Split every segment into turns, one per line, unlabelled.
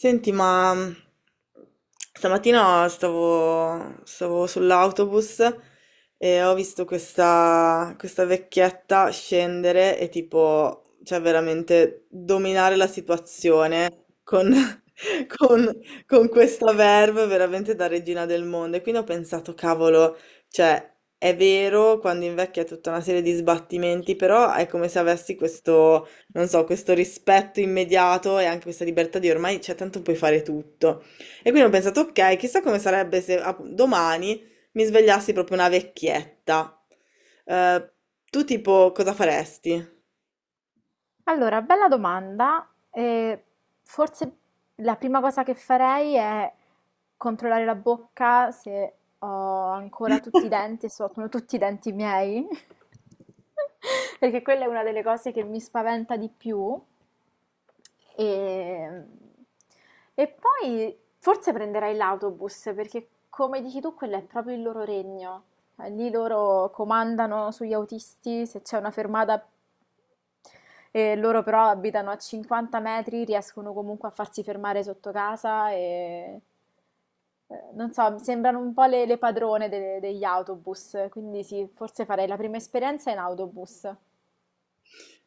Senti, ma stamattina stavo sull'autobus e ho visto questa vecchietta scendere e tipo, cioè veramente dominare la situazione con, con- con questa verve veramente da regina del mondo. E quindi ho pensato, cavolo, cioè è vero, quando invecchia è tutta una serie di sbattimenti, però è come se avessi questo non so, questo rispetto immediato e anche questa libertà di ormai, cioè, tanto puoi fare tutto. E quindi ho pensato, ok, chissà come sarebbe se domani mi svegliassi proprio una vecchietta. Eh, tu tipo cosa faresti?
Allora, bella domanda. Forse la prima cosa che farei è controllare la bocca se ho ancora tutti i denti e se sono tutti i denti miei, perché quella è una delle cose che mi spaventa di più. E, e poi forse prenderai l'autobus, perché come dici tu, quello è proprio il loro regno. Lì loro comandano sugli autisti se c'è una fermata e loro però abitano a 50 metri, riescono comunque a farsi fermare sotto casa e non so, mi sembrano un po' le padrone degli autobus, quindi sì, forse farei la prima esperienza in autobus.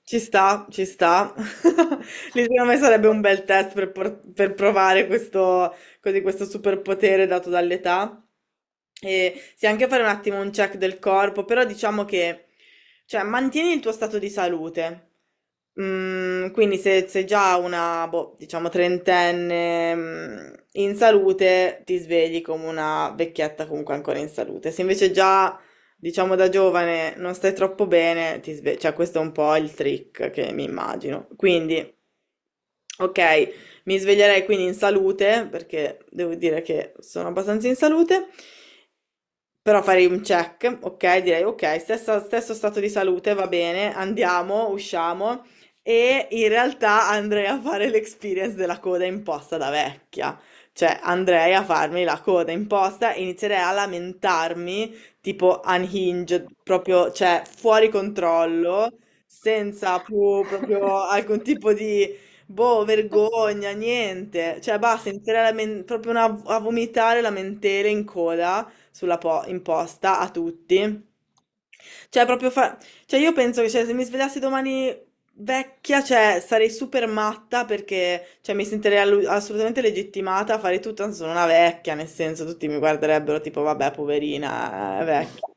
Ci sta, ci sta. Lì secondo me sarebbe un bel test per, per provare questo, così, questo superpotere dato dall'età. E sì, anche fare un attimo un check del corpo, però diciamo che, cioè, mantieni il tuo stato di salute. Mm, quindi se sei già una, boh, diciamo, trentenne, in salute, ti svegli come una vecchietta comunque ancora in salute. Se invece già diciamo da giovane non stai troppo bene, cioè questo è un po' il trick che mi immagino. Quindi, ok, mi sveglierei quindi in salute, perché devo dire che sono abbastanza in salute, però farei un check, ok? Direi ok, stesso stato di salute, va bene, andiamo, usciamo. E in realtà andrei a fare l'experience della coda imposta da vecchia. Cioè andrei a farmi la coda imposta e inizierei a lamentarmi, tipo unhinged, proprio, cioè fuori controllo, senza più proprio alcun tipo di. Boh, vergogna, niente. Cioè, basta, inizierei a vomitare lamentele in coda sulla imposta a tutti. Cioè, proprio fa, cioè, io penso che cioè, se mi svegliassi domani vecchia, cioè, sarei super matta perché cioè, mi sentirei assolutamente legittimata a fare tutto, anzi sono una vecchia, nel senso tutti mi guarderebbero tipo, vabbè, poverina, è vecchia.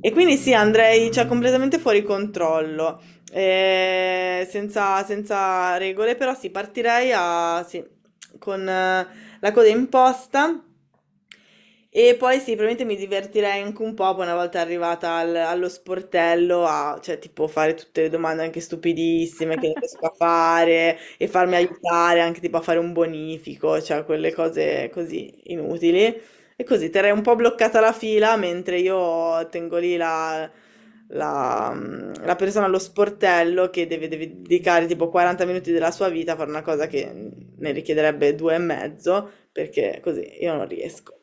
E quindi sì, andrei cioè, completamente fuori controllo, senza regole, però sì, partirei a, sì, con la coda imposta e poi sì, probabilmente mi divertirei anche un po' poi una volta arrivata allo sportello a, cioè, tipo, fare tutte le domande anche stupidissime che non riesco a fare e farmi aiutare anche tipo a fare un bonifico, cioè quelle cose così inutili. E così terrei un po' bloccata la fila mentre io tengo lì la persona allo sportello che deve dedicare tipo 40 minuti della sua vita a fare una cosa che ne richiederebbe due e mezzo, perché così io non riesco.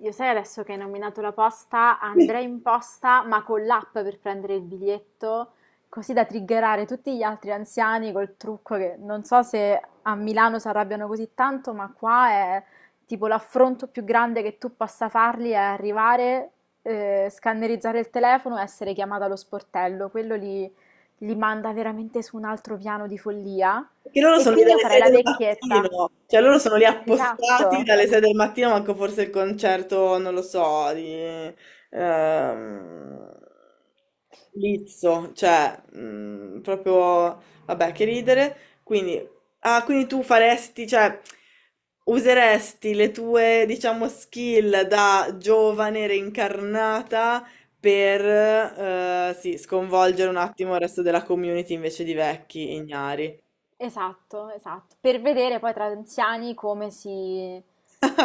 Io sai adesso che hai nominato la posta, andrei in posta ma con l'app per prendere il biglietto, così da triggerare tutti gli altri anziani col trucco che non so se a Milano si arrabbiano così tanto, ma qua è tipo l'affronto più grande che tu possa fargli è arrivare, scannerizzare il telefono e essere chiamata allo sportello. Li manda veramente su un altro piano di follia.
Perché loro
E
sono lì
quindi io
dalle
farei
6
la
del
vecchietta.
mattino, cioè loro sono lì appostati
Esatto.
dalle 6 del mattino, manco forse il concerto, non lo so, di ehm, Lizzo, cioè proprio, vabbè, che ridere. Quindi, quindi tu faresti, cioè, useresti le tue, diciamo, skill da giovane reincarnata per, sì, sconvolgere un attimo il resto della community invece di vecchi ignari.
Esatto, esatto. Per vedere poi tra anziani come si...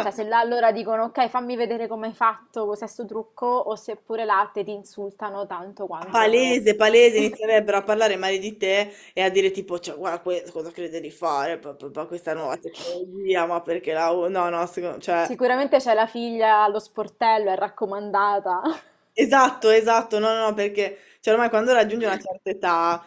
Cioè, se là allora dicono, ok, fammi vedere come hai fatto questo sto trucco, o se pure là te ti insultano tanto quanto...
Palese, palese, inizierebbero a parlare male di te e a dire tipo, cioè, guarda, cosa crede di fare, questa nuova tecnologia, ma perché la, no, no, cioè,
Sicuramente c'è la figlia allo sportello, è raccomandata.
esatto, esatto, no, no, no, perché, cioè, ormai quando raggiungi una certa età,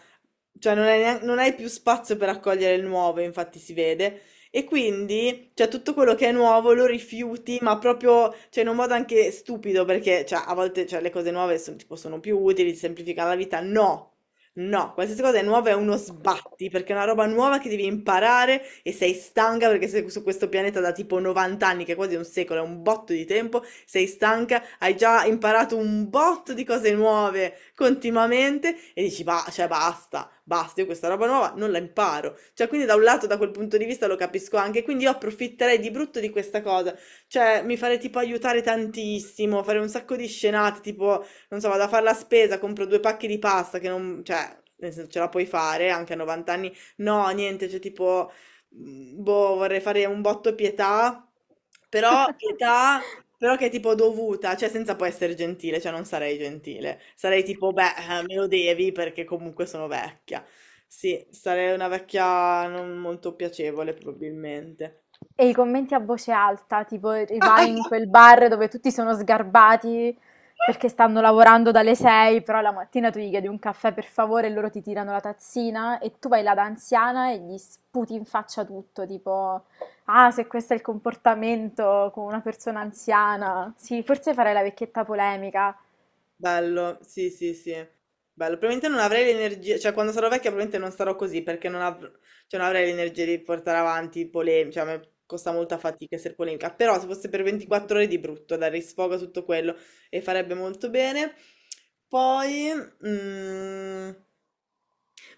cioè, non non hai più spazio per accogliere il nuovo, infatti si vede, e quindi, cioè, tutto quello che è nuovo lo rifiuti, ma proprio, cioè, in un modo anche stupido, perché, cioè, a volte, cioè, le cose nuove sono, tipo, sono più utili, ti semplificano la vita, no! No, qualsiasi cosa è nuova è uno sbatti, perché è una roba nuova che devi imparare e sei stanca perché sei su questo pianeta da tipo 90 anni, che è quasi un secolo, è un botto di tempo, sei stanca, hai già imparato un botto di cose nuove continuamente e dici, bah, cioè basta, basta, io questa roba nuova non la imparo. Cioè, quindi da un lato, da quel punto di vista lo capisco anche, quindi io approfitterei di brutto di questa cosa, cioè mi farei tipo aiutare tantissimo, fare un sacco di scenate, tipo non so, vado a fare la spesa, compro due pacchi di pasta che non, cioè, nel senso ce la puoi fare anche a 90 anni. No, niente, cioè tipo, boh, vorrei fare un botto pietà, però che è tipo dovuta, cioè senza poi essere gentile, cioè non sarei gentile. Sarei tipo, beh, me lo devi perché comunque sono vecchia. Sì, sarei una vecchia non molto piacevole probabilmente.
E i commenti a voce alta, tipo vai in quel bar dove tutti sono sgarbati perché stanno lavorando dalle 6, però la mattina tu gli chiedi un caffè per favore e loro ti tirano la tazzina e tu vai là da anziana e gli sputi in faccia tutto, tipo, ah, se questo è il comportamento con una persona anziana. Sì, forse farei la vecchietta polemica,
Bello, sì, sì, sì. Bello. Probabilmente non avrei l'energia, cioè quando sarò vecchia probabilmente non sarò così perché non, av- cioè, non avrei l'energia di portare avanti polemiche, cioè a me costa molta fatica essere polemica, però se fosse per 24 ore di brutto, dare sfogo a tutto quello e farebbe molto bene. Poi, mm,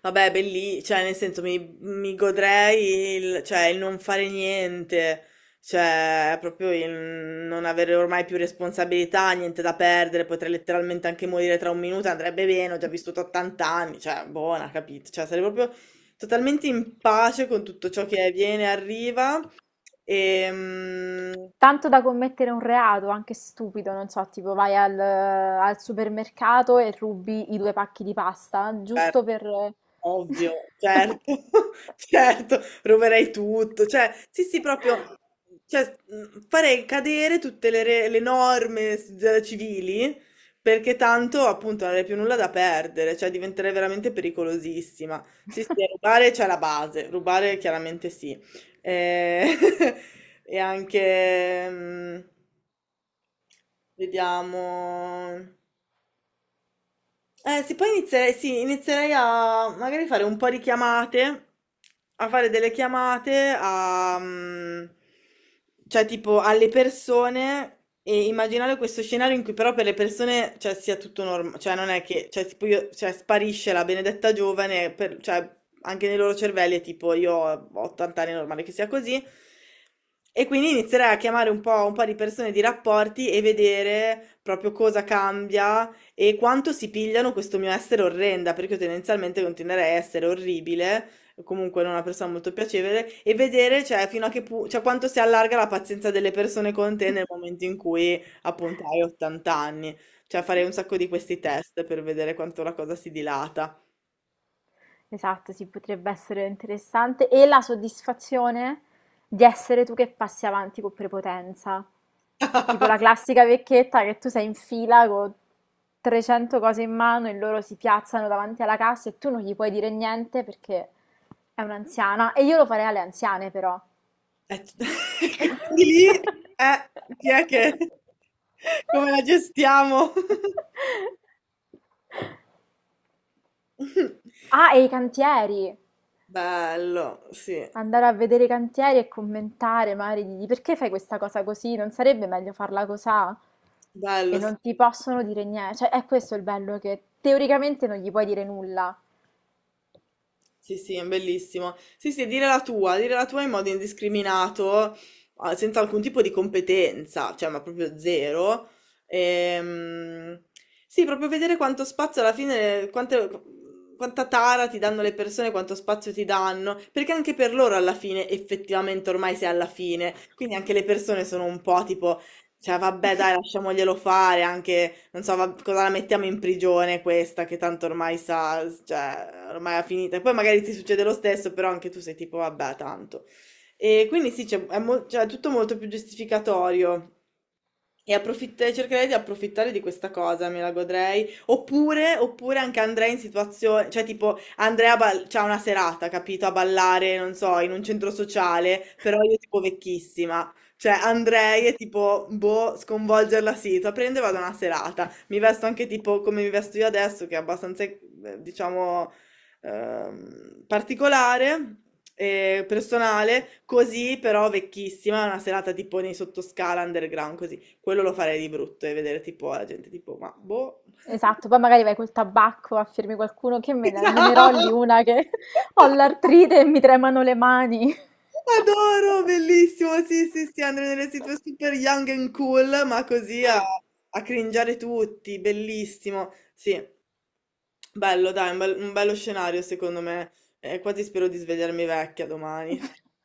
vabbè, belli, cioè, nel senso, mi godrei il, cioè, il non fare niente, cioè, proprio il non avere ormai più responsabilità, niente da perdere, potrei letteralmente anche morire tra un minuto, andrebbe bene, ho già vissuto 80 anni, cioè, buona, capito? Cioè, sarei proprio totalmente in pace con tutto ciò che viene e arriva, e
tanto da commettere un reato, anche stupido, non so, tipo vai al supermercato e rubi i 2 pacchi di pasta, giusto
certo.
per...
Ovvio, certo, certo, roverei tutto, cioè, sì, sì, proprio, cioè, farei cadere tutte le norme civili, perché tanto, appunto, non avrei più nulla da perdere, cioè, diventerei veramente pericolosissima. Sì, sì, rubare c'è la base, rubare chiaramente sì. Eh, e, anche, vediamo. Sì, inizierei a magari fare un po' di chiamate, a fare delle chiamate a, cioè tipo alle persone e immaginare questo scenario in cui però per le persone, cioè, sia tutto normale, cioè non è che, cioè, tipo io, cioè, sparisce la benedetta giovane, cioè, anche nei loro cervelli è tipo io ho 80 anni, è normale che sia così, e quindi inizierei a chiamare un po' di persone, di rapporti e vedere proprio cosa cambia e quanto si pigliano questo mio essere orrenda, perché io tendenzialmente continuerei a essere orribile, comunque non una persona molto piacevole, e vedere, cioè, fino a che pu- cioè, quanto si allarga la pazienza delle persone con te nel momento in cui, appunto, hai 80 anni. Cioè, farei un sacco di questi test per vedere quanto la cosa si dilata.
Esatto, sì, potrebbe essere interessante. E la soddisfazione di essere tu che passi avanti con prepotenza. Tipo la classica vecchietta che tu sei in fila con 300 cose in mano e loro si piazzano davanti alla cassa e tu non gli puoi dire niente perché è un'anziana. E io lo farei alle anziane, però.
Eh, quindi lì, eh, chi è che. Come la gestiamo?
Ah, e i cantieri.
Bello, sì,
Andare a vedere i cantieri e commentare, magari dirgli perché fai questa cosa così? Non sarebbe meglio farla cosà? E
bello. Sì.
non ti possono dire niente. Cioè, è questo il bello che teoricamente non gli puoi dire nulla.
Sì, sì, è bellissimo. Sì, sì, dire la tua in modo indiscriminato, senza alcun tipo di competenza, cioè, ma proprio zero. Ehm, sì, proprio vedere quanto spazio alla fine, quanta tara ti danno le persone, quanto spazio ti danno, perché anche per loro alla fine, effettivamente, ormai sei alla fine, quindi anche le persone sono un po' tipo. Cioè, vabbè, dai, lasciamoglielo fare anche, non so, cosa la mettiamo in prigione questa, che tanto ormai sa, cioè, ormai è finita. E poi magari ti succede lo stesso, però anche tu sei tipo, vabbè, tanto. E quindi sì, cioè, è tutto molto più giustificatorio. E cercherei di approfittare di questa cosa, me la godrei. Oppure anche andrei in situazioni, cioè tipo c'ha una serata, capito, a ballare, non so, in un centro sociale, però io tipo vecchissima. Cioè, andrei e tipo, boh, sconvolgerla sì, so, prendo e vado a una serata. Mi vesto anche tipo come mi vesto io adesso, che è abbastanza, diciamo, particolare e personale, così però vecchissima, una serata tipo nei sottoscala, underground, così. Quello lo farei di brutto e vedere tipo la gente tipo, ma boh.
Esatto, poi magari vai col tabacco a firmi qualcuno che me ne rolli
Esatto.
una che ho l'artrite e mi tremano le mani.
Adoro, bellissimo. Sì, sì, sì, andare nelle situ super young and cool, ma così a cringiare tutti, bellissimo. Sì, bello, dai, un bello scenario secondo me. Quasi spero di svegliarmi vecchia domani.